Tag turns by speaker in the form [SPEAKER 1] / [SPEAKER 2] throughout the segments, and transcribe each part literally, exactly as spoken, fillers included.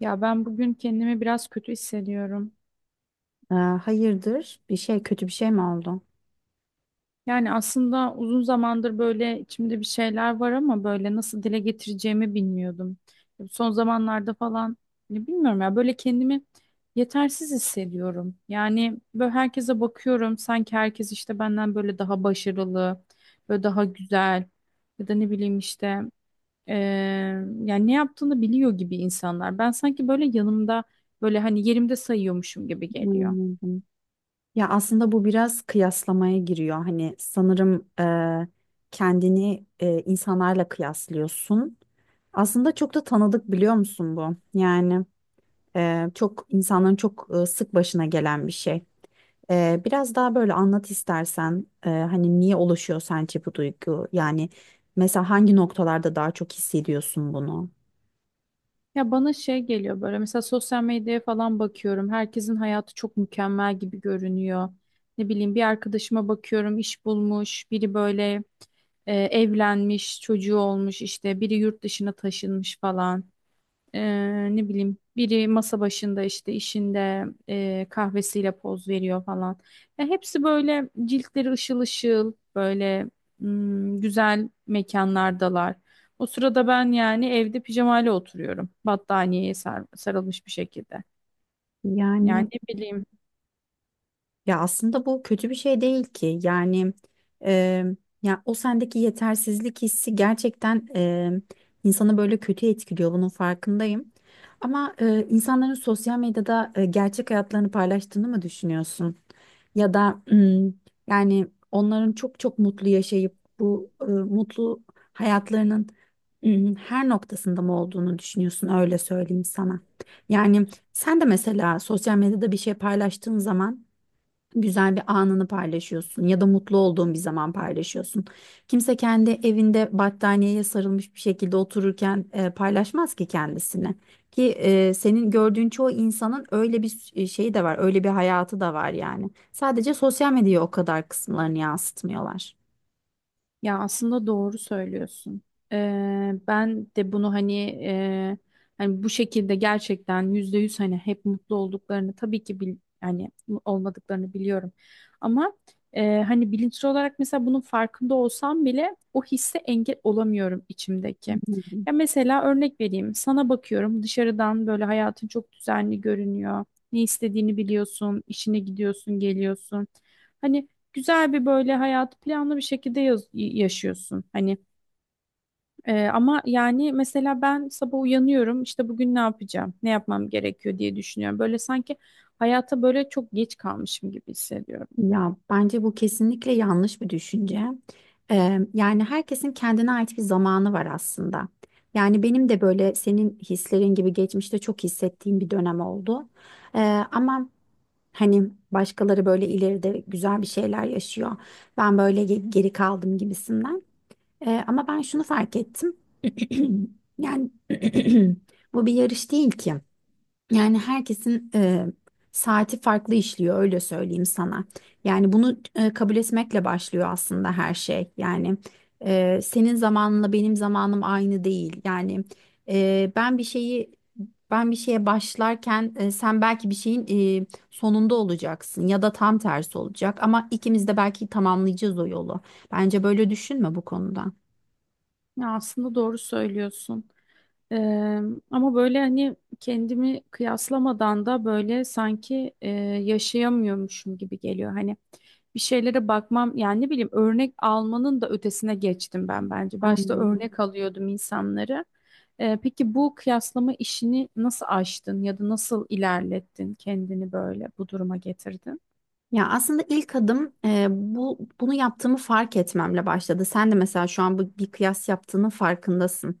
[SPEAKER 1] Ya ben bugün kendimi biraz kötü hissediyorum.
[SPEAKER 2] Ee, hayırdır? Bir şey kötü bir şey mi oldu?
[SPEAKER 1] Yani aslında uzun zamandır böyle içimde bir şeyler var ama böyle nasıl dile getireceğimi bilmiyordum. Son zamanlarda falan ne bilmiyorum ya böyle kendimi yetersiz hissediyorum. Yani böyle herkese bakıyorum sanki herkes işte benden böyle daha başarılı, böyle daha güzel ya da ne bileyim işte eee, yani ne yaptığını biliyor gibi insanlar. Ben sanki böyle yanımda böyle hani yerimde sayıyormuşum gibi geliyor.
[SPEAKER 2] Anladım. Ya aslında bu biraz kıyaslamaya giriyor. Hani sanırım e, kendini e, insanlarla kıyaslıyorsun. Aslında çok da tanıdık biliyor musun bu? Yani e, çok insanların çok e, sık başına gelen bir şey. E, biraz daha böyle anlat istersen e, hani niye oluşuyor sence bu duygu? Yani mesela hangi noktalarda daha çok hissediyorsun bunu?
[SPEAKER 1] Ya bana şey geliyor böyle mesela sosyal medyaya falan bakıyorum. Herkesin hayatı çok mükemmel gibi görünüyor. Ne bileyim bir arkadaşıma bakıyorum iş bulmuş, biri böyle e, evlenmiş, çocuğu olmuş işte biri yurt dışına taşınmış falan. Ee, ne bileyim biri masa başında işte işinde e, kahvesiyle poz veriyor falan. Ya hepsi böyle ciltleri ışıl ışıl böyle hmm, güzel mekanlardalar. O sırada ben yani evde pijamayla oturuyorum. Battaniyeye sar- sarılmış bir şekilde. Yani
[SPEAKER 2] yani
[SPEAKER 1] ne bileyim.
[SPEAKER 2] Ya aslında bu kötü bir şey değil ki. Yani e, ya o sendeki yetersizlik hissi gerçekten e, insanı böyle kötü etkiliyor. Bunun farkındayım. Ama e, insanların sosyal medyada e, gerçek hayatlarını paylaştığını mı düşünüyorsun? Ya da mm, yani onların çok çok mutlu yaşayıp bu e, mutlu hayatlarının mm, her noktasında mı olduğunu düşünüyorsun? Öyle söyleyeyim sana. Yani sen de mesela sosyal medyada bir şey paylaştığın zaman güzel bir anını paylaşıyorsun ya da mutlu olduğun bir zaman paylaşıyorsun. Kimse kendi evinde battaniyeye sarılmış bir şekilde otururken e, paylaşmaz ki kendisini. Ki e, senin gördüğün çoğu insanın öyle bir e, şeyi de var, öyle bir hayatı da var yani. Sadece sosyal medyaya o kadar kısımlarını yansıtmıyorlar.
[SPEAKER 1] Ya aslında doğru söylüyorsun. Ee, ben de bunu hani e, hani bu şekilde gerçekten yüzde yüz hani hep mutlu olduklarını tabii ki bil, hani olmadıklarını biliyorum. Ama e, hani bilinçli olarak mesela bunun farkında olsam bile o hisse engel olamıyorum içimdeki. Ya mesela örnek vereyim. Sana bakıyorum dışarıdan böyle hayatın çok düzenli görünüyor. Ne istediğini biliyorsun, işine gidiyorsun, geliyorsun. Hani güzel bir böyle hayatı planlı bir şekilde yaz- yaşıyorsun. Hani e, ama yani mesela ben sabah uyanıyorum işte bugün ne yapacağım, ne yapmam gerekiyor diye düşünüyorum. Böyle sanki hayata böyle çok geç kalmışım gibi hissediyorum.
[SPEAKER 2] Ya bence bu kesinlikle yanlış bir düşünce. Ee, yani herkesin kendine ait bir zamanı var aslında. Yani benim de böyle senin hislerin gibi geçmişte çok hissettiğim bir dönem oldu. Ee, Ama hani başkaları böyle ileride güzel bir şeyler yaşıyor. Ben böyle ge- geri kaldım gibisinden. Ee, ama ben şunu fark ettim. Yani bu bir yarış değil ki. Yani herkesin e, saati farklı işliyor öyle söyleyeyim sana. Yani bunu e, kabul etmekle başlıyor aslında her şey. Yani e, senin zamanınla benim zamanım aynı değil. Yani e, ben bir şeyi ben bir şeye başlarken e, sen belki bir şeyin e, sonunda olacaksın ya da tam tersi olacak ama ikimiz de belki tamamlayacağız o yolu. Bence böyle düşünme bu konuda.
[SPEAKER 1] Ya aslında doğru söylüyorsun. Eee, ama böyle hani kendimi kıyaslamadan da böyle sanki eee, yaşayamıyormuşum gibi geliyor. Hani bir şeylere bakmam yani ne bileyim örnek almanın da ötesine geçtim ben bence. Başta
[SPEAKER 2] Anladım.
[SPEAKER 1] örnek alıyordum insanları. Eee, peki bu kıyaslama işini nasıl aştın ya da nasıl ilerlettin kendini böyle bu duruma getirdin?
[SPEAKER 2] Ya aslında ilk adım e, bu bunu yaptığımı fark etmemle başladı. Sen de mesela şu an bu bir kıyas yaptığının farkındasın.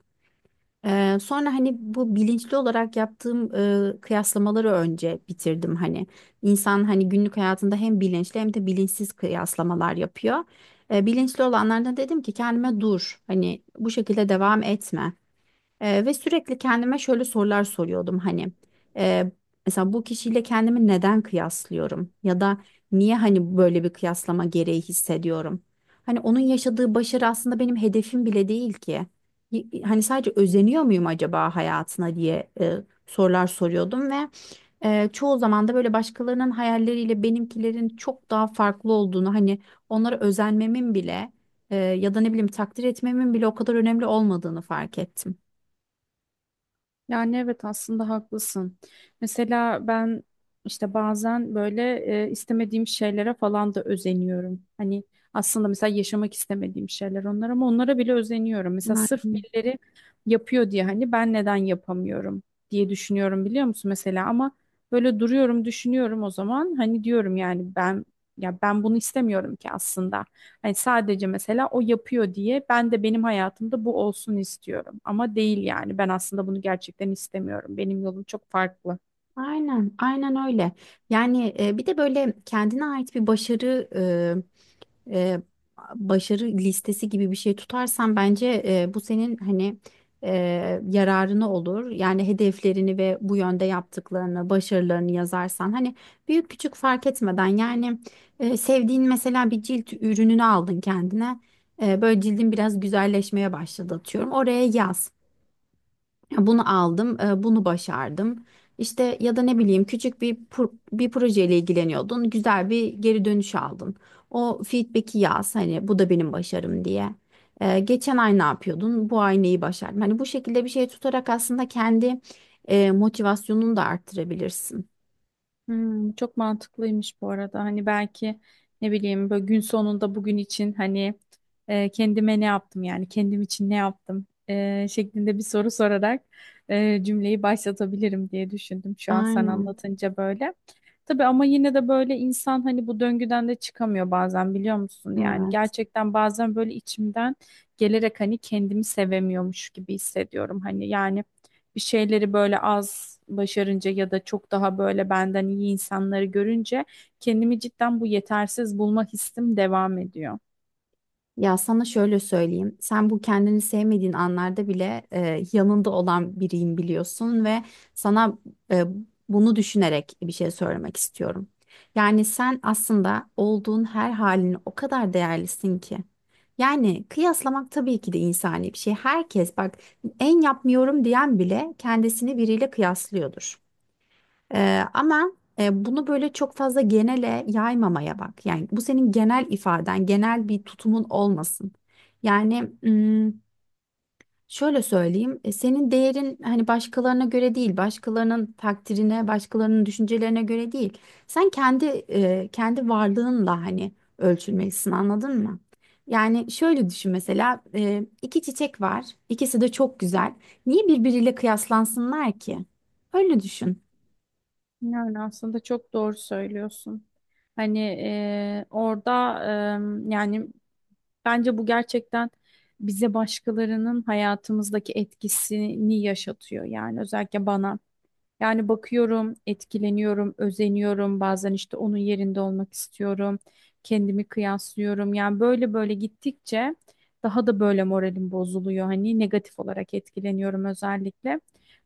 [SPEAKER 2] E, sonra hani bu bilinçli olarak yaptığım e, kıyaslamaları önce bitirdim hani. İnsan hani günlük hayatında hem bilinçli hem de bilinçsiz kıyaslamalar yapıyor. E, bilinçli olanlardan dedim ki kendime dur hani bu şekilde devam etme. Eee, ve sürekli kendime şöyle sorular soruyordum hani eee, mesela bu kişiyle kendimi neden kıyaslıyorum ya da niye hani böyle bir kıyaslama gereği hissediyorum? Hani onun yaşadığı başarı aslında benim hedefim bile değil ki. Y- Hani sadece özeniyor muyum acaba hayatına diye eee, sorular soruyordum ve eee, çoğu zaman da böyle başkalarının hayalleriyle benimkilerin çok daha farklı olduğunu hani onlara özenmemin bile eee, ya da ne bileyim takdir etmemin bile o kadar önemli olmadığını fark ettim.
[SPEAKER 1] Yani evet aslında haklısın. Mesela ben işte bazen böyle e, istemediğim şeylere falan da özeniyorum. Hani aslında mesela yaşamak istemediğim şeyler onlar ama onlara bile özeniyorum. Mesela sırf
[SPEAKER 2] Aynen.
[SPEAKER 1] birileri yapıyor diye hani ben neden yapamıyorum diye düşünüyorum biliyor musun mesela ama böyle duruyorum düşünüyorum o zaman hani diyorum yani ben ya ben bunu istemiyorum ki aslında. Hani sadece mesela o yapıyor diye ben de benim hayatımda bu olsun istiyorum. Ama değil yani ben aslında bunu gerçekten istemiyorum. Benim yolum çok farklı.
[SPEAKER 2] Aynen, aynen öyle. Yani e, bir de böyle kendine ait bir başarı e, e, başarı listesi gibi bir şey tutarsan bence e, bu senin hani e, yararına olur. Yani hedeflerini ve bu yönde yaptıklarını, başarılarını yazarsan hani büyük küçük fark etmeden yani e, sevdiğin mesela bir cilt ürününü aldın kendine. E, böyle cildin biraz güzelleşmeye başladı atıyorum. Oraya yaz. Ya bunu aldım, e, bunu başardım. İşte ya da ne bileyim küçük bir pro- bir projeyle ilgileniyordun. Güzel bir geri dönüş aldın. O feedback'i yaz hani bu da benim başarım diye. E, geçen ay ne yapıyordun? Bu ay neyi başardın? Hani bu şekilde bir şey tutarak aslında kendi e, motivasyonunu da arttırabilirsin.
[SPEAKER 1] Hmm, çok mantıklıymış bu arada. Hani belki ne bileyim böyle gün sonunda bugün için hani e, kendime ne yaptım yani kendim için ne yaptım e, şeklinde bir soru sorarak e, cümleyi başlatabilirim diye düşündüm şu an sen
[SPEAKER 2] Aynen.
[SPEAKER 1] anlatınca böyle. Tabii ama yine de böyle insan hani bu döngüden de çıkamıyor bazen biliyor musun? Yani
[SPEAKER 2] Evet.
[SPEAKER 1] gerçekten bazen böyle içimden gelerek hani kendimi sevemiyormuş gibi hissediyorum. Hani yani bir şeyleri böyle az başarınca ya da çok daha böyle benden iyi insanları görünce kendimi cidden bu yetersiz bulma hissim devam ediyor.
[SPEAKER 2] Ya sana şöyle söyleyeyim. Sen bu kendini sevmediğin anlarda bile e, yanında olan biriyim biliyorsun ve sana e, bunu düşünerek bir şey söylemek istiyorum. Yani sen aslında olduğun her halini o kadar değerlisin ki. Yani kıyaslamak tabii ki de insani bir şey. Herkes bak en yapmıyorum diyen bile kendisini biriyle kıyaslıyordur. Ee, ama e, bunu böyle çok fazla genele yaymamaya bak. Yani bu senin genel ifaden, genel bir tutumun olmasın. Yani mm, şöyle söyleyeyim, e, senin değerin hani başkalarına göre değil, başkalarının takdirine, başkalarının düşüncelerine göre değil. Sen kendi e, kendi varlığınla hani ölçülmelisin, anladın mı? Yani şöyle düşün mesela e, iki çiçek var, ikisi de çok güzel. Niye birbiriyle kıyaslansınlar ki? Öyle düşün.
[SPEAKER 1] Yani aslında çok doğru söylüyorsun. Hani e, orada e, yani bence bu gerçekten bize başkalarının hayatımızdaki etkisini yaşatıyor. Yani özellikle bana. Yani bakıyorum, etkileniyorum, özeniyorum. Bazen işte onun yerinde olmak istiyorum. Kendimi kıyaslıyorum. Yani böyle böyle gittikçe daha da böyle moralim bozuluyor. Hani negatif olarak etkileniyorum özellikle.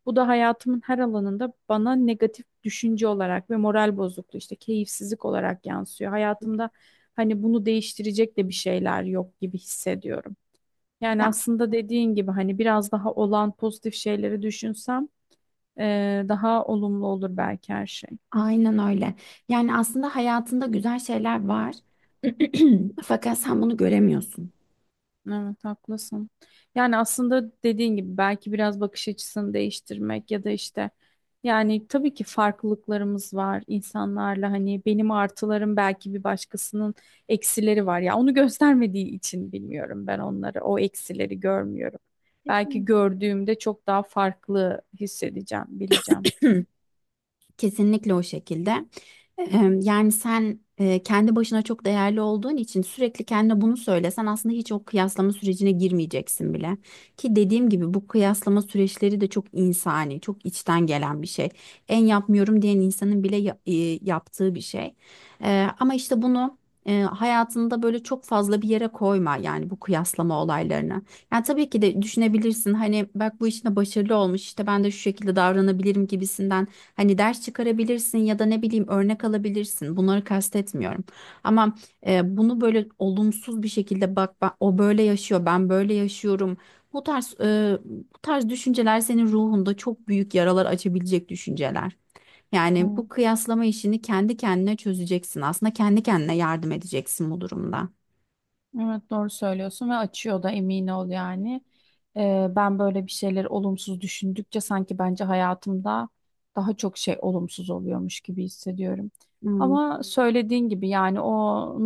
[SPEAKER 1] Bu da hayatımın her alanında bana negatif düşünce olarak ve moral bozukluğu işte keyifsizlik olarak yansıyor. Hayatımda hani bunu değiştirecek de bir şeyler yok gibi hissediyorum. Yani
[SPEAKER 2] Ya
[SPEAKER 1] aslında dediğin gibi hani biraz daha olan pozitif şeyleri düşünsem e, daha olumlu olur belki her şey.
[SPEAKER 2] aynen öyle. Yani aslında hayatında güzel şeyler var. Fakat sen bunu göremiyorsun.
[SPEAKER 1] Evet haklısın. Yani aslında dediğin gibi belki biraz bakış açısını değiştirmek ya da işte yani tabii ki farklılıklarımız var insanlarla hani benim artılarım belki bir başkasının eksileri var ya onu göstermediği için bilmiyorum ben onları o eksileri görmüyorum. Belki gördüğümde çok daha farklı hissedeceğim, bileceğim.
[SPEAKER 2] Kesinlikle o şekilde. Eee, Yani sen eee, kendi başına çok değerli olduğun için sürekli kendine bunu söylesen aslında hiç o kıyaslama sürecine girmeyeceksin bile. Ki dediğim gibi bu kıyaslama süreçleri de çok insani, çok içten gelen bir şey. En yapmıyorum diyen insanın bile ya- eee, yaptığı bir şey. Eee, Ama işte bunu eee, hayatında böyle çok fazla bir yere koyma yani bu kıyaslama olaylarını. Yani tabii ki de düşünebilirsin hani bak bu işte başarılı olmuş işte ben de şu şekilde davranabilirim gibisinden hani ders çıkarabilirsin ya da ne bileyim örnek alabilirsin bunları kastetmiyorum ama e, bunu böyle olumsuz bir şekilde bak ben, o böyle yaşıyor ben böyle yaşıyorum bu tarz e, bu tarz düşünceler senin ruhunda çok büyük yaralar açabilecek düşünceler. Yani
[SPEAKER 1] Evet.
[SPEAKER 2] bu kıyaslama işini kendi kendine çözeceksin aslında kendi kendine yardım edeceksin bu durumda.
[SPEAKER 1] Evet doğru söylüyorsun ve açıyor da emin ol yani. Ee, ben böyle bir şeyler olumsuz düşündükçe sanki bence hayatımda daha çok şey olumsuz oluyormuş gibi hissediyorum.
[SPEAKER 2] Hmm.
[SPEAKER 1] Ama söylediğin gibi yani o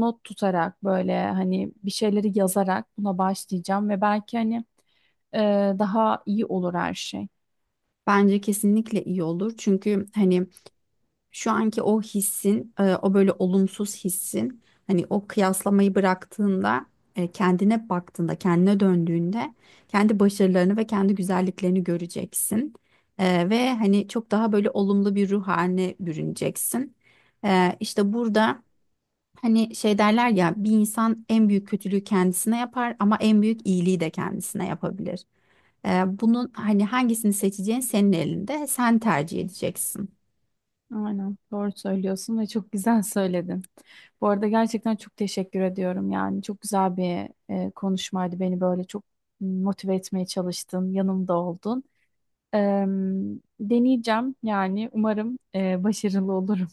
[SPEAKER 1] not tutarak böyle hani bir şeyleri yazarak buna başlayacağım ve belki hani e, daha iyi olur her şey.
[SPEAKER 2] Bence kesinlikle iyi olur. Çünkü hani şu anki o hissin, e, o böyle olumsuz hissin, hani o kıyaslamayı bıraktığında, e, kendine baktığında, kendine döndüğünde kendi başarılarını ve kendi güzelliklerini göreceksin. E, ve hani çok daha böyle olumlu bir ruh haline bürüneceksin. E, işte burada hani şey derler ya bir insan en büyük kötülüğü kendisine yapar ama en büyük iyiliği de kendisine yapabilir. E, bunun hani hangisini seçeceğin senin elinde, sen tercih edeceksin.
[SPEAKER 1] Aynen doğru söylüyorsun ve çok güzel söyledin. Bu arada gerçekten çok teşekkür ediyorum. Yani çok güzel bir e, konuşmaydı. Beni böyle çok motive etmeye çalıştın, yanımda oldun. Eee, deneyeceğim yani umarım e, başarılı olurum.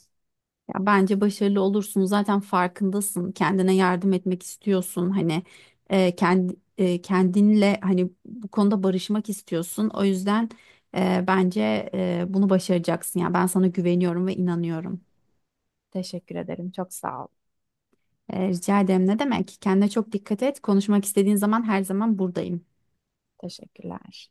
[SPEAKER 2] Ya bence başarılı olursun. Zaten farkındasın. Kendine yardım etmek istiyorsun. Hani e, kendi e, kendinle hani bu konuda barışmak istiyorsun. O yüzden e, bence e, bunu başaracaksın. Ya ben sana güveniyorum ve inanıyorum.
[SPEAKER 1] Teşekkür ederim. Çok sağ ol.
[SPEAKER 2] E, rica ederim. Ne demek? Kendine çok dikkat et. Konuşmak istediğin zaman her zaman buradayım.
[SPEAKER 1] Teşekkürler.